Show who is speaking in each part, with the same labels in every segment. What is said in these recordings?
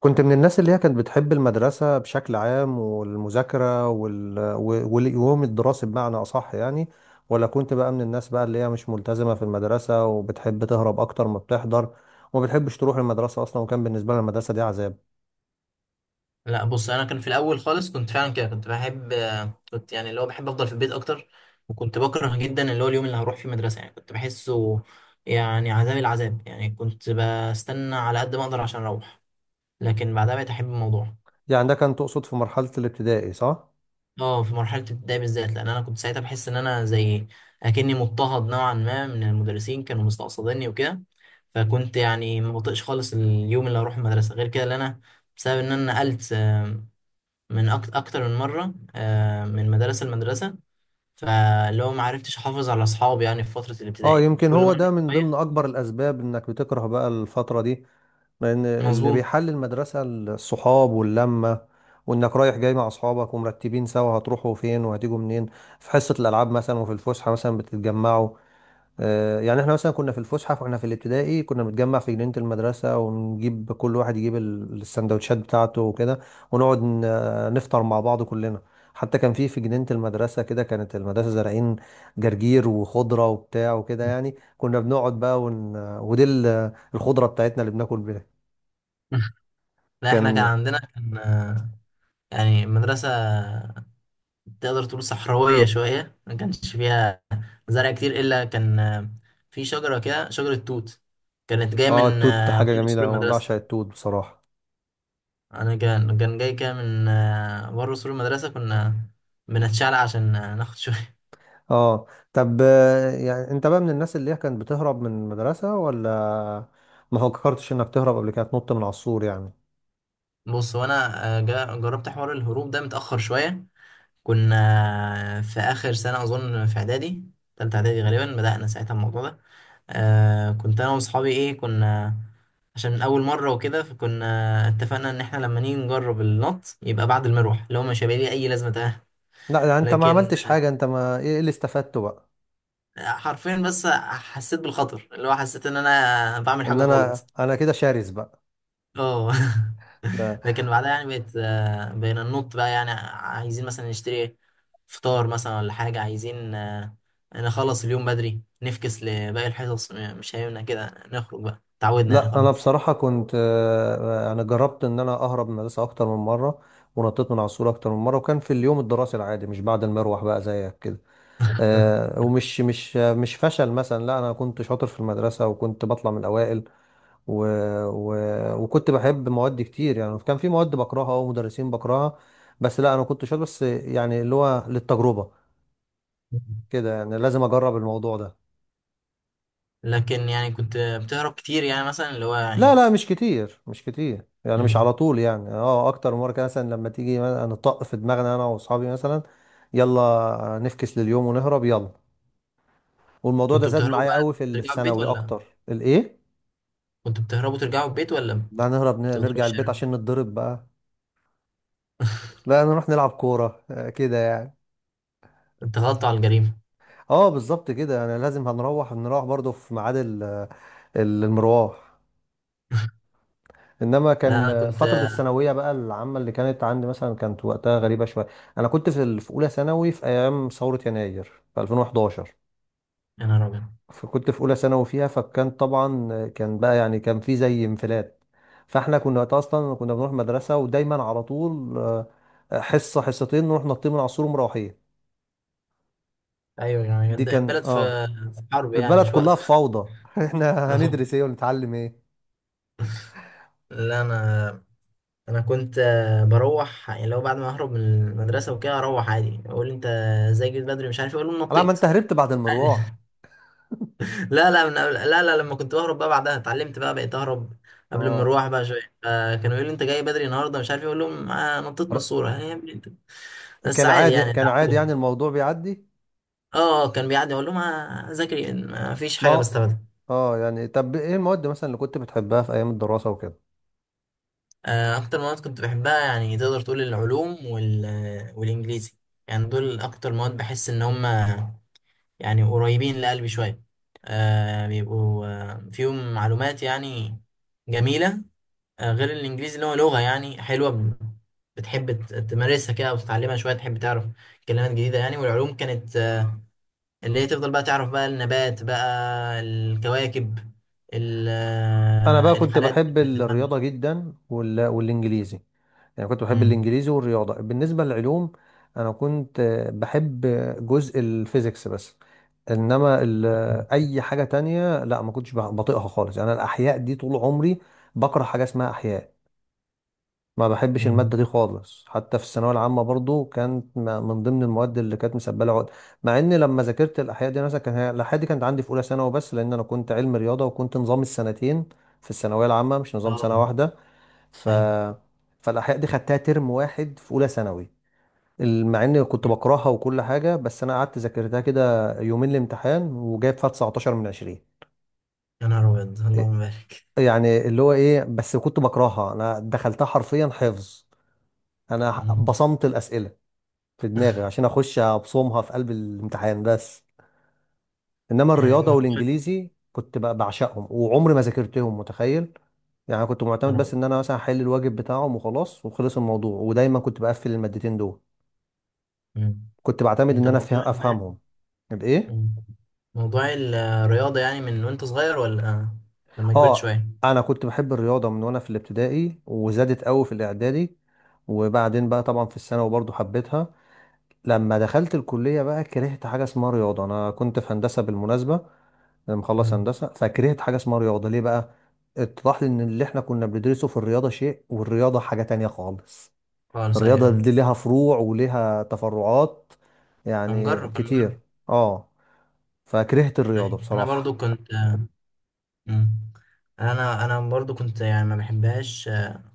Speaker 1: كنت من الناس اللي هي كانت بتحب المدرسة بشكل عام والمذاكرة واليوم الدراسي بمعنى أصح يعني، ولا كنت بقى من الناس بقى اللي هي مش ملتزمة في المدرسة وبتحب تهرب أكتر ما بتحضر، وما بتحبش تروح المدرسة أصلا، وكان بالنسبة لها المدرسة دي عذاب.
Speaker 2: لا بص انا كان في الاول خالص كنت فعلا كده كنت بحب. كنت يعني اللي هو بحب افضل في البيت اكتر. وكنت بكره جدا اللي هو اليوم اللي هروح فيه مدرسه، يعني كنت بحسه يعني عذاب العذاب، يعني كنت بستنى على قد ما اقدر عشان اروح. لكن بعدها بقيت احب الموضوع.
Speaker 1: يعني ده كان تقصد في مرحلة الابتدائي صح؟
Speaker 2: اه، في مرحله الابتدائي بالذات لان انا كنت ساعتها بحس ان انا زي اكني مضطهد نوعا ما، من المدرسين كانوا مستقصديني وكده. فكنت يعني ما بطيقش خالص اليوم اللي هروح المدرسه غير كده اللي انا، بسبب ان انا نقلت من اكتر من مره، من مدرسه لمدرسه. فاللي هو ما عرفتش احافظ على اصحابي، يعني في فتره
Speaker 1: اه،
Speaker 2: الابتدائي كنت
Speaker 1: يمكن
Speaker 2: كل ما
Speaker 1: هو
Speaker 2: اعرف
Speaker 1: ده من ضمن
Speaker 2: شويه.
Speaker 1: اكبر الاسباب انك بتكره بقى الفترة دي، لان اللي
Speaker 2: مظبوط.
Speaker 1: بيحل المدرسة الصحاب واللمة، وانك رايح جاي مع اصحابك ومرتبين سوا هتروحوا فين وهتيجوا منين، في حصة الالعاب مثلا وفي الفسحة مثلا بتتجمعوا. يعني احنا مثلا كنا في الفسحه واحنا في الابتدائي كنا بنتجمع في جنينه المدرسه، ونجيب كل واحد يجيب السندوتشات بتاعته وكده، ونقعد نفطر مع بعض كلنا. حتى كان في جنينه المدرسه كده كانت المدرسه زارعين جرجير وخضره وبتاع وكده، يعني كنا بنقعد بقى ون... آه، ودي الخضره بتاعتنا اللي بناكل بيها.
Speaker 2: لا احنا كان
Speaker 1: كان
Speaker 2: عندنا كان آه، يعني مدرسه تقدر تقول صحراويه شويه، ما كانش فيها زرع كتير، الا كان في شجره كده، شجره توت كانت جايه
Speaker 1: اه
Speaker 2: من
Speaker 1: التوت حاجه
Speaker 2: بره
Speaker 1: جميله
Speaker 2: سور
Speaker 1: أوي، انا
Speaker 2: المدرسه.
Speaker 1: بعشق التوت بصراحه.
Speaker 2: انا كان جاي كده من بره سور المدرسه، كنا بنتشعلق عشان ناخد شويه.
Speaker 1: اه، طب، يعني انت بقى من الناس اللي هي كانت بتهرب من المدرسة، ولا ما فكرتش انك تهرب قبل كده تنط من على السور يعني؟
Speaker 2: بص هو انا جربت حوار الهروب ده متاخر شويه. كنا في اخر سنه اظن في اعدادي، تالتة اعدادي غالبا بدانا ساعتها الموضوع ده. كنت انا واصحابي ايه كنا عشان اول مره وكده، فكنا اتفقنا ان احنا لما نيجي نجرب النط يبقى بعد المروح، اللي هو مش هيبقى ليه اي لازمه، تمام.
Speaker 1: لا ده انت ما
Speaker 2: لكن
Speaker 1: عملتش حاجة، انت ما ايه إيه اللي استفدته بقى؟
Speaker 2: حرفيا بس حسيت بالخطر، اللي هو حسيت ان انا بعمل حاجه
Speaker 1: ان
Speaker 2: غلط.
Speaker 1: انا كده شرس بقى.
Speaker 2: اه.
Speaker 1: لا
Speaker 2: لكن بعدها يعني بقت آه، بقينا ننط بقى، يعني عايزين مثلا نشتري فطار مثلا ولا حاجة، عايزين نخلص اليوم بدري، نفكس لباقي الحصص. مش هينفع كده، نخرج بقى، تعودنا يعني،
Speaker 1: لا، انا
Speaker 2: خلاص.
Speaker 1: بصراحة كنت، انا جربت ان انا اهرب من المدرسة اكتر من مرة، ونطيت من على السور اكتر من مرة، وكان في اليوم الدراسي العادي مش بعد المروح بقى زيك كده. ومش مش مش فشل مثلا، لا انا كنت شاطر في المدرسه وكنت بطلع من الاوائل، و... و... وكنت بحب مواد كتير. يعني كان في مواد بكرهها ومدرسين بكرهها، بس لا انا كنت شاطر، بس يعني اللي هو للتجربه كده، يعني لازم اجرب الموضوع ده.
Speaker 2: لكن يعني كنت بتهرب كتير، يعني مثلا اللي هو
Speaker 1: لا
Speaker 2: يعني.
Speaker 1: لا، مش كتير مش كتير، يعني مش
Speaker 2: مم.
Speaker 1: على طول يعني، اكتر من مره كده مثلا، لما تيجي مثلاً نطق في دماغنا انا واصحابي مثلا، يلا نفكس لليوم ونهرب يلا. والموضوع ده
Speaker 2: كنتوا
Speaker 1: زاد
Speaker 2: بتهربوا
Speaker 1: معايا
Speaker 2: بقى
Speaker 1: قوي في
Speaker 2: ترجعوا البيت
Speaker 1: الثانوي
Speaker 2: ولا
Speaker 1: اكتر. الايه؟
Speaker 2: كنتوا بتهربوا ترجعوا البيت ولا
Speaker 1: لا نهرب،
Speaker 2: بتفضلوا في
Speaker 1: نرجع البيت
Speaker 2: الشارع؟
Speaker 1: عشان نتضرب بقى. لا، نروح نلعب كورة كده يعني.
Speaker 2: اتغطوا على الجريمة.
Speaker 1: اه، بالظبط كده، يعني لازم هنروح، نروح برضه في ميعاد المروح. انما
Speaker 2: لا،
Speaker 1: كان،
Speaker 2: انا كنت.
Speaker 1: فترة الثانوية بقى العامة اللي كانت عندي مثلا كانت وقتها غريبة شوية. انا كنت في اولى ثانوي في ايام ثورة يناير في 2011،
Speaker 2: يا نهار ابيض.
Speaker 1: فكنت في اولى ثانوي فيها، فكان طبعا، كان بقى، يعني كان في زي انفلات. فاحنا كنا وقتها اصلا كنا بنروح مدرسة ودايما على طول، حصة حصتين نروح نطين من العصور ومروحين.
Speaker 2: ايوه، يعني
Speaker 1: دي كان،
Speaker 2: البلد في حرب، يعني
Speaker 1: البلد
Speaker 2: مش
Speaker 1: كلها
Speaker 2: وقته.
Speaker 1: في فوضى. احنا
Speaker 2: اه.
Speaker 1: هندرس ايه ونتعلم ايه؟
Speaker 2: لا انا كنت بروح، يعني لو بعد ما اهرب من المدرسه وكده اروح عادي، اقول انت ازاي جيت بدري، مش عارف إيه، اقول لهم
Speaker 1: على ما
Speaker 2: نطيت.
Speaker 1: انت هربت بعد
Speaker 2: عادي.
Speaker 1: المروح.
Speaker 2: لا لا من قبل، لا لا، لما كنت بهرب بقى بعدها اتعلمت بقى، بقيت اهرب قبل ما
Speaker 1: اه
Speaker 2: اروح بقى شويه. فكانوا يقولوا لي انت جاي بدري النهارده، مش عارف إيه، اقول لهم آه نطيت من
Speaker 1: ر-
Speaker 2: الصوره. يعني يا ابني انت. بس
Speaker 1: كان
Speaker 2: عادي
Speaker 1: عادي
Speaker 2: يعني،
Speaker 1: كان عادي،
Speaker 2: اتعودوا.
Speaker 1: يعني الموضوع بيعدي.
Speaker 2: اه، كان بيعدي، اقول لهم ذاكري ما فيش
Speaker 1: ما
Speaker 2: حاجه
Speaker 1: هو-
Speaker 2: بستفادها.
Speaker 1: اه يعني، طب، ايه المواد مثلا اللي كنت بتحبها في ايام الدراسة وكده؟
Speaker 2: اكتر مواد كنت بحبها يعني تقدر تقول العلوم والانجليزي. يعني دول اكتر مواد بحس ان هم يعني قريبين لقلبي شويه. بيبقوا فيهم معلومات يعني جميله. غير الانجليزي اللي هو لغه يعني حلوه، بتحب تمارسها كده وتتعلمها شويه، تحب تعرف كلمات جديده يعني. والعلوم كانت اللي هي تفضل بقى تعرف بقى النبات بقى، الكواكب،
Speaker 1: انا بقى كنت
Speaker 2: الحالات
Speaker 1: بحب
Speaker 2: بتاعت المادة.
Speaker 1: الرياضة جدا، والانجليزي، يعني كنت بحب
Speaker 2: مم.
Speaker 1: الانجليزي والرياضة. بالنسبة للعلوم انا كنت، بحب جزء الفيزيكس بس. انما اي حاجه تانية لا، ما كنتش بطيقها خالص. يعني انا الاحياء دي طول عمري بكره حاجه اسمها احياء، ما بحبش الماده
Speaker 2: مم.
Speaker 1: دي خالص، حتى في الثانويه العامه برضو كانت من ضمن المواد اللي كانت مسبله عقد. مع ان لما ذاكرت الاحياء دي مثلا، الاحياء دي كانت عندي في اولى ثانوي، بس لان انا كنت علم رياضه وكنت نظام السنتين في الثانويه العامه مش نظام سنه
Speaker 2: اه.
Speaker 1: واحده. ف
Speaker 2: أيوة.
Speaker 1: فالاحياء دي خدتها ترم واحد في اولى ثانوي، مع اني كنت بكرهها وكل حاجه، بس انا قعدت ذاكرتها كده يومين الامتحان وجايب فيها 19 من 20.
Speaker 2: يا نهار أبيض، اللهم بارك.
Speaker 1: يعني اللي هو ايه، بس كنت بكرهها، انا دخلتها حرفيا حفظ، انا
Speaker 2: مم.
Speaker 1: بصمت الاسئله في دماغي عشان اخش ابصمها في قلب الامتحان بس. انما
Speaker 2: يعني
Speaker 1: الرياضه
Speaker 2: موضوع.
Speaker 1: والانجليزي كنت بعشقهم وعمري ما ذاكرتهم، متخيل؟ يعني كنت
Speaker 2: يا
Speaker 1: معتمد بس
Speaker 2: رب.
Speaker 1: ان انا مثلا احل الواجب بتاعهم وخلاص وخلص الموضوع، ودايما كنت بقفل المادتين دول،
Speaker 2: مم.
Speaker 1: كنت بعتمد
Speaker 2: أنت
Speaker 1: ان انا
Speaker 2: موضوع ما.
Speaker 1: افهمهم. الايه؟
Speaker 2: مم. موضوع الرياضة يعني من وأنت صغير ولا لما كبرت
Speaker 1: اه،
Speaker 2: شوية؟
Speaker 1: انا كنت بحب الرياضه من وانا في الابتدائي، وزادت قوي في الاعدادي، وبعدين بقى طبعا في الثانوي برضو حبيتها. لما دخلت الكليه بقى كرهت حاجه اسمها رياضه، انا كنت في هندسه بالمناسبه، انا مخلص
Speaker 2: مم.
Speaker 1: هندسه فكرهت حاجه اسمها رياضه. ليه بقى؟ اتضح لي ان اللي احنا كنا بندرسه في الرياضه شيء والرياضه حاجه تانية خالص،
Speaker 2: خالص، أيوه
Speaker 1: الرياضه
Speaker 2: أيوه.
Speaker 1: دي ليها فروع وليها تفرعات
Speaker 2: أنا
Speaker 1: يعني
Speaker 2: مجرب، أنا
Speaker 1: كتير.
Speaker 2: مجرب.
Speaker 1: اه، فكرهت الرياضه
Speaker 2: أيوة. أنا
Speaker 1: بصراحه.
Speaker 2: برضو كنت. مم. أنا برضو كنت يعني ما بحبهاش.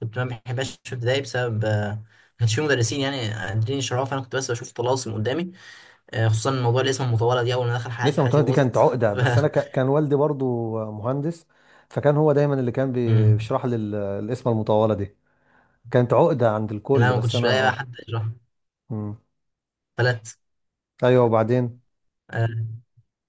Speaker 2: كنت ما بحبهاش في ابتدائي بسبب ما كانش في مدرسين يعني قادرين يشرحوها، فأنا كنت بس بشوف طلاسم قدامي. خصوصا موضوع الاسم المطولة دي، أول ما دخل حياتي،
Speaker 1: لسه
Speaker 2: حياتي
Speaker 1: متولد، دي كانت
Speaker 2: باظت.
Speaker 1: عقدة،
Speaker 2: ف
Speaker 1: بس كان والدي برضو مهندس، فكان هو دايما اللي كان
Speaker 2: مم.
Speaker 1: بيشرح لي القسمة المطولة دي. كانت عقدة عند
Speaker 2: لا،
Speaker 1: الكل،
Speaker 2: ما
Speaker 1: بس
Speaker 2: كنتش
Speaker 1: أنا
Speaker 2: بلاقي بقى حد يشرح.
Speaker 1: مم.
Speaker 2: فلت.
Speaker 1: أيوه، وبعدين
Speaker 2: آه،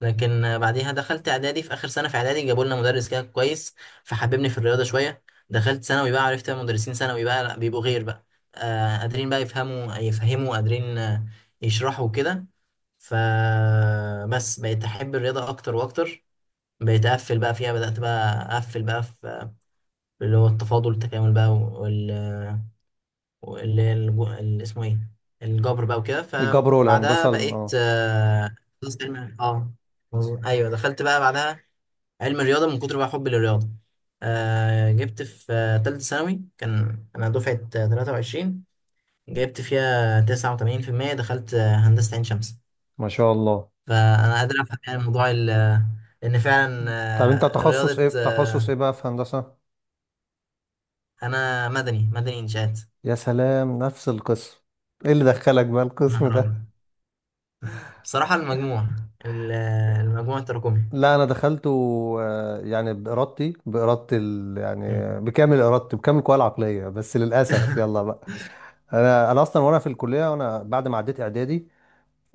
Speaker 2: لكن بعديها دخلت اعدادي، في اخر سنه في اعدادي جابوا لنا مدرس كده كويس فحببني في الرياضه شويه. دخلت ثانوي بقى، عرفت مدرسين ثانوي بقى لا، بيبقوا غير بقى قادرين بقى يفهموا قادرين يشرحوا كده. فبس بقيت احب الرياضه اكتر واكتر، بقيت اقفل بقى فيها، بدات بقى اقفل بقى في اللي هو التفاضل التكامل بقى، واللي هي اللي اسمه ايه، الجبر بقى وكده.
Speaker 1: الجبر
Speaker 2: فبعدها
Speaker 1: والهندسة.
Speaker 2: بقيت تخصص علم، مظبوط. ايوه، دخلت بقى بعدها علم الرياضه من كتر بقى حبي للرياضه. جبت في تالتة ثانوي، كان انا دفعه 23، جبت فيها 89%، دخلت هندسه عين شمس.
Speaker 1: ما شاء الله.
Speaker 2: فانا قادر افهم يعني موضوع ان فعلا.
Speaker 1: طب أنت تخصص
Speaker 2: رياضه،
Speaker 1: إيه، تخصص إيه بقى في هندسة؟
Speaker 2: انا مدني، مدني انشاءات.
Speaker 1: يا سلام، نفس القسم. إيه اللي دخلك بقى
Speaker 2: انا
Speaker 1: القسم ده؟
Speaker 2: هرب بصراحه. المجموع ال- آه، المجموع التراكمي.
Speaker 1: لا أنا دخلته، يعني بإرادتي بإرادة
Speaker 2: مم.
Speaker 1: يعني بكامل إرادتي بكامل قواي العقلية، بس للأسف يلا بقى. انا اصلا وانا في الكليه وانا بعد ما عديت اعدادي،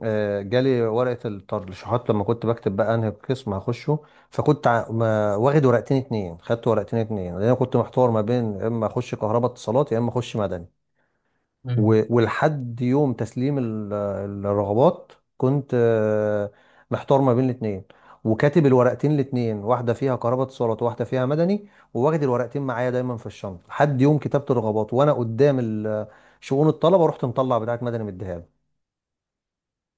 Speaker 1: جالي ورقه الترشيحات لما كنت بكتب بقى انهي قسم هخشه، فكنت واخد ورقتين اتنين، خدت ورقتين اتنين لان انا كنت محتار ما بين يا اما اخش كهرباء اتصالات يا اما اخش مدني.
Speaker 2: مم.
Speaker 1: ولحد يوم تسليم الرغبات كنت، محتار ما بين الاتنين، وكاتب الورقتين الاتنين، واحدة فيها قرابة اتصالات وواحدة فيها مدني، وواخد الورقتين معايا دايما في الشنطة لحد يوم كتابة الرغبات، وانا قدام شؤون الطلبة رحت مطلع بتاعت مدني مديها له.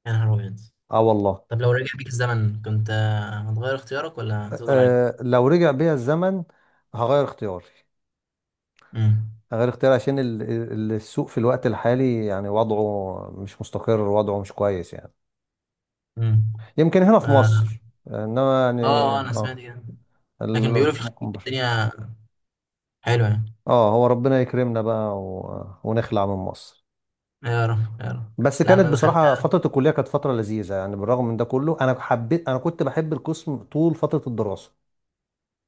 Speaker 2: يا نهار أبيض.
Speaker 1: اه والله.
Speaker 2: طب لو رجع بيك الزمن كنت هتغير اختيارك ولا هتفضل عليك؟
Speaker 1: لو رجع بيا الزمن هغير اختياري،
Speaker 2: امم.
Speaker 1: هغير اختياري عشان السوق في الوقت الحالي يعني وضعه مش مستقر، وضعه مش كويس يعني.
Speaker 2: امم.
Speaker 1: يمكن هنا في
Speaker 2: اه.
Speaker 1: مصر، انما يعني،
Speaker 2: انا سمعت
Speaker 1: اه
Speaker 2: كده. لكن بيقولوا في الخليج
Speaker 1: ممكن بره.
Speaker 2: الدنيا حلوه يعني.
Speaker 1: اه، هو ربنا يكرمنا بقى ونخلع من مصر.
Speaker 2: يا رب يا رب.
Speaker 1: بس
Speaker 2: لا،
Speaker 1: كانت
Speaker 2: انا
Speaker 1: بصراحة
Speaker 2: دخلتها.
Speaker 1: فترة الكلية كانت فترة لذيذة، يعني بالرغم من ده كله انا حبيت، انا كنت بحب القسم طول فترة الدراسة.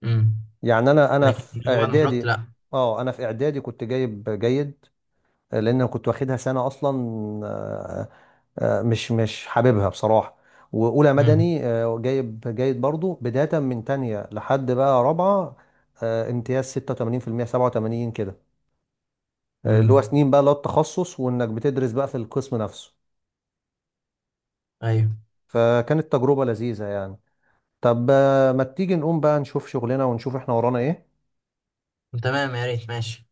Speaker 2: امم.
Speaker 1: يعني
Speaker 2: لكن اللي هو بعد ما خرجت لا.
Speaker 1: انا في اعدادي كنت جايب جيد، لان أنا كنت واخدها سنة اصلا، مش حاببها بصراحة. وأولى
Speaker 2: امم.
Speaker 1: مدني جايب جيد برضو، بداية من تانية لحد بقى رابعة امتياز 86% 87 كده. اللي هو
Speaker 2: امم.
Speaker 1: سنين بقى اللي هو التخصص، وإنك بتدرس بقى في القسم نفسه،
Speaker 2: ايوه.
Speaker 1: فكانت تجربة لذيذة يعني. طب، ما تيجي نقوم بقى نشوف شغلنا ونشوف احنا ورانا ايه؟
Speaker 2: تمام، يا ريت، ماشي.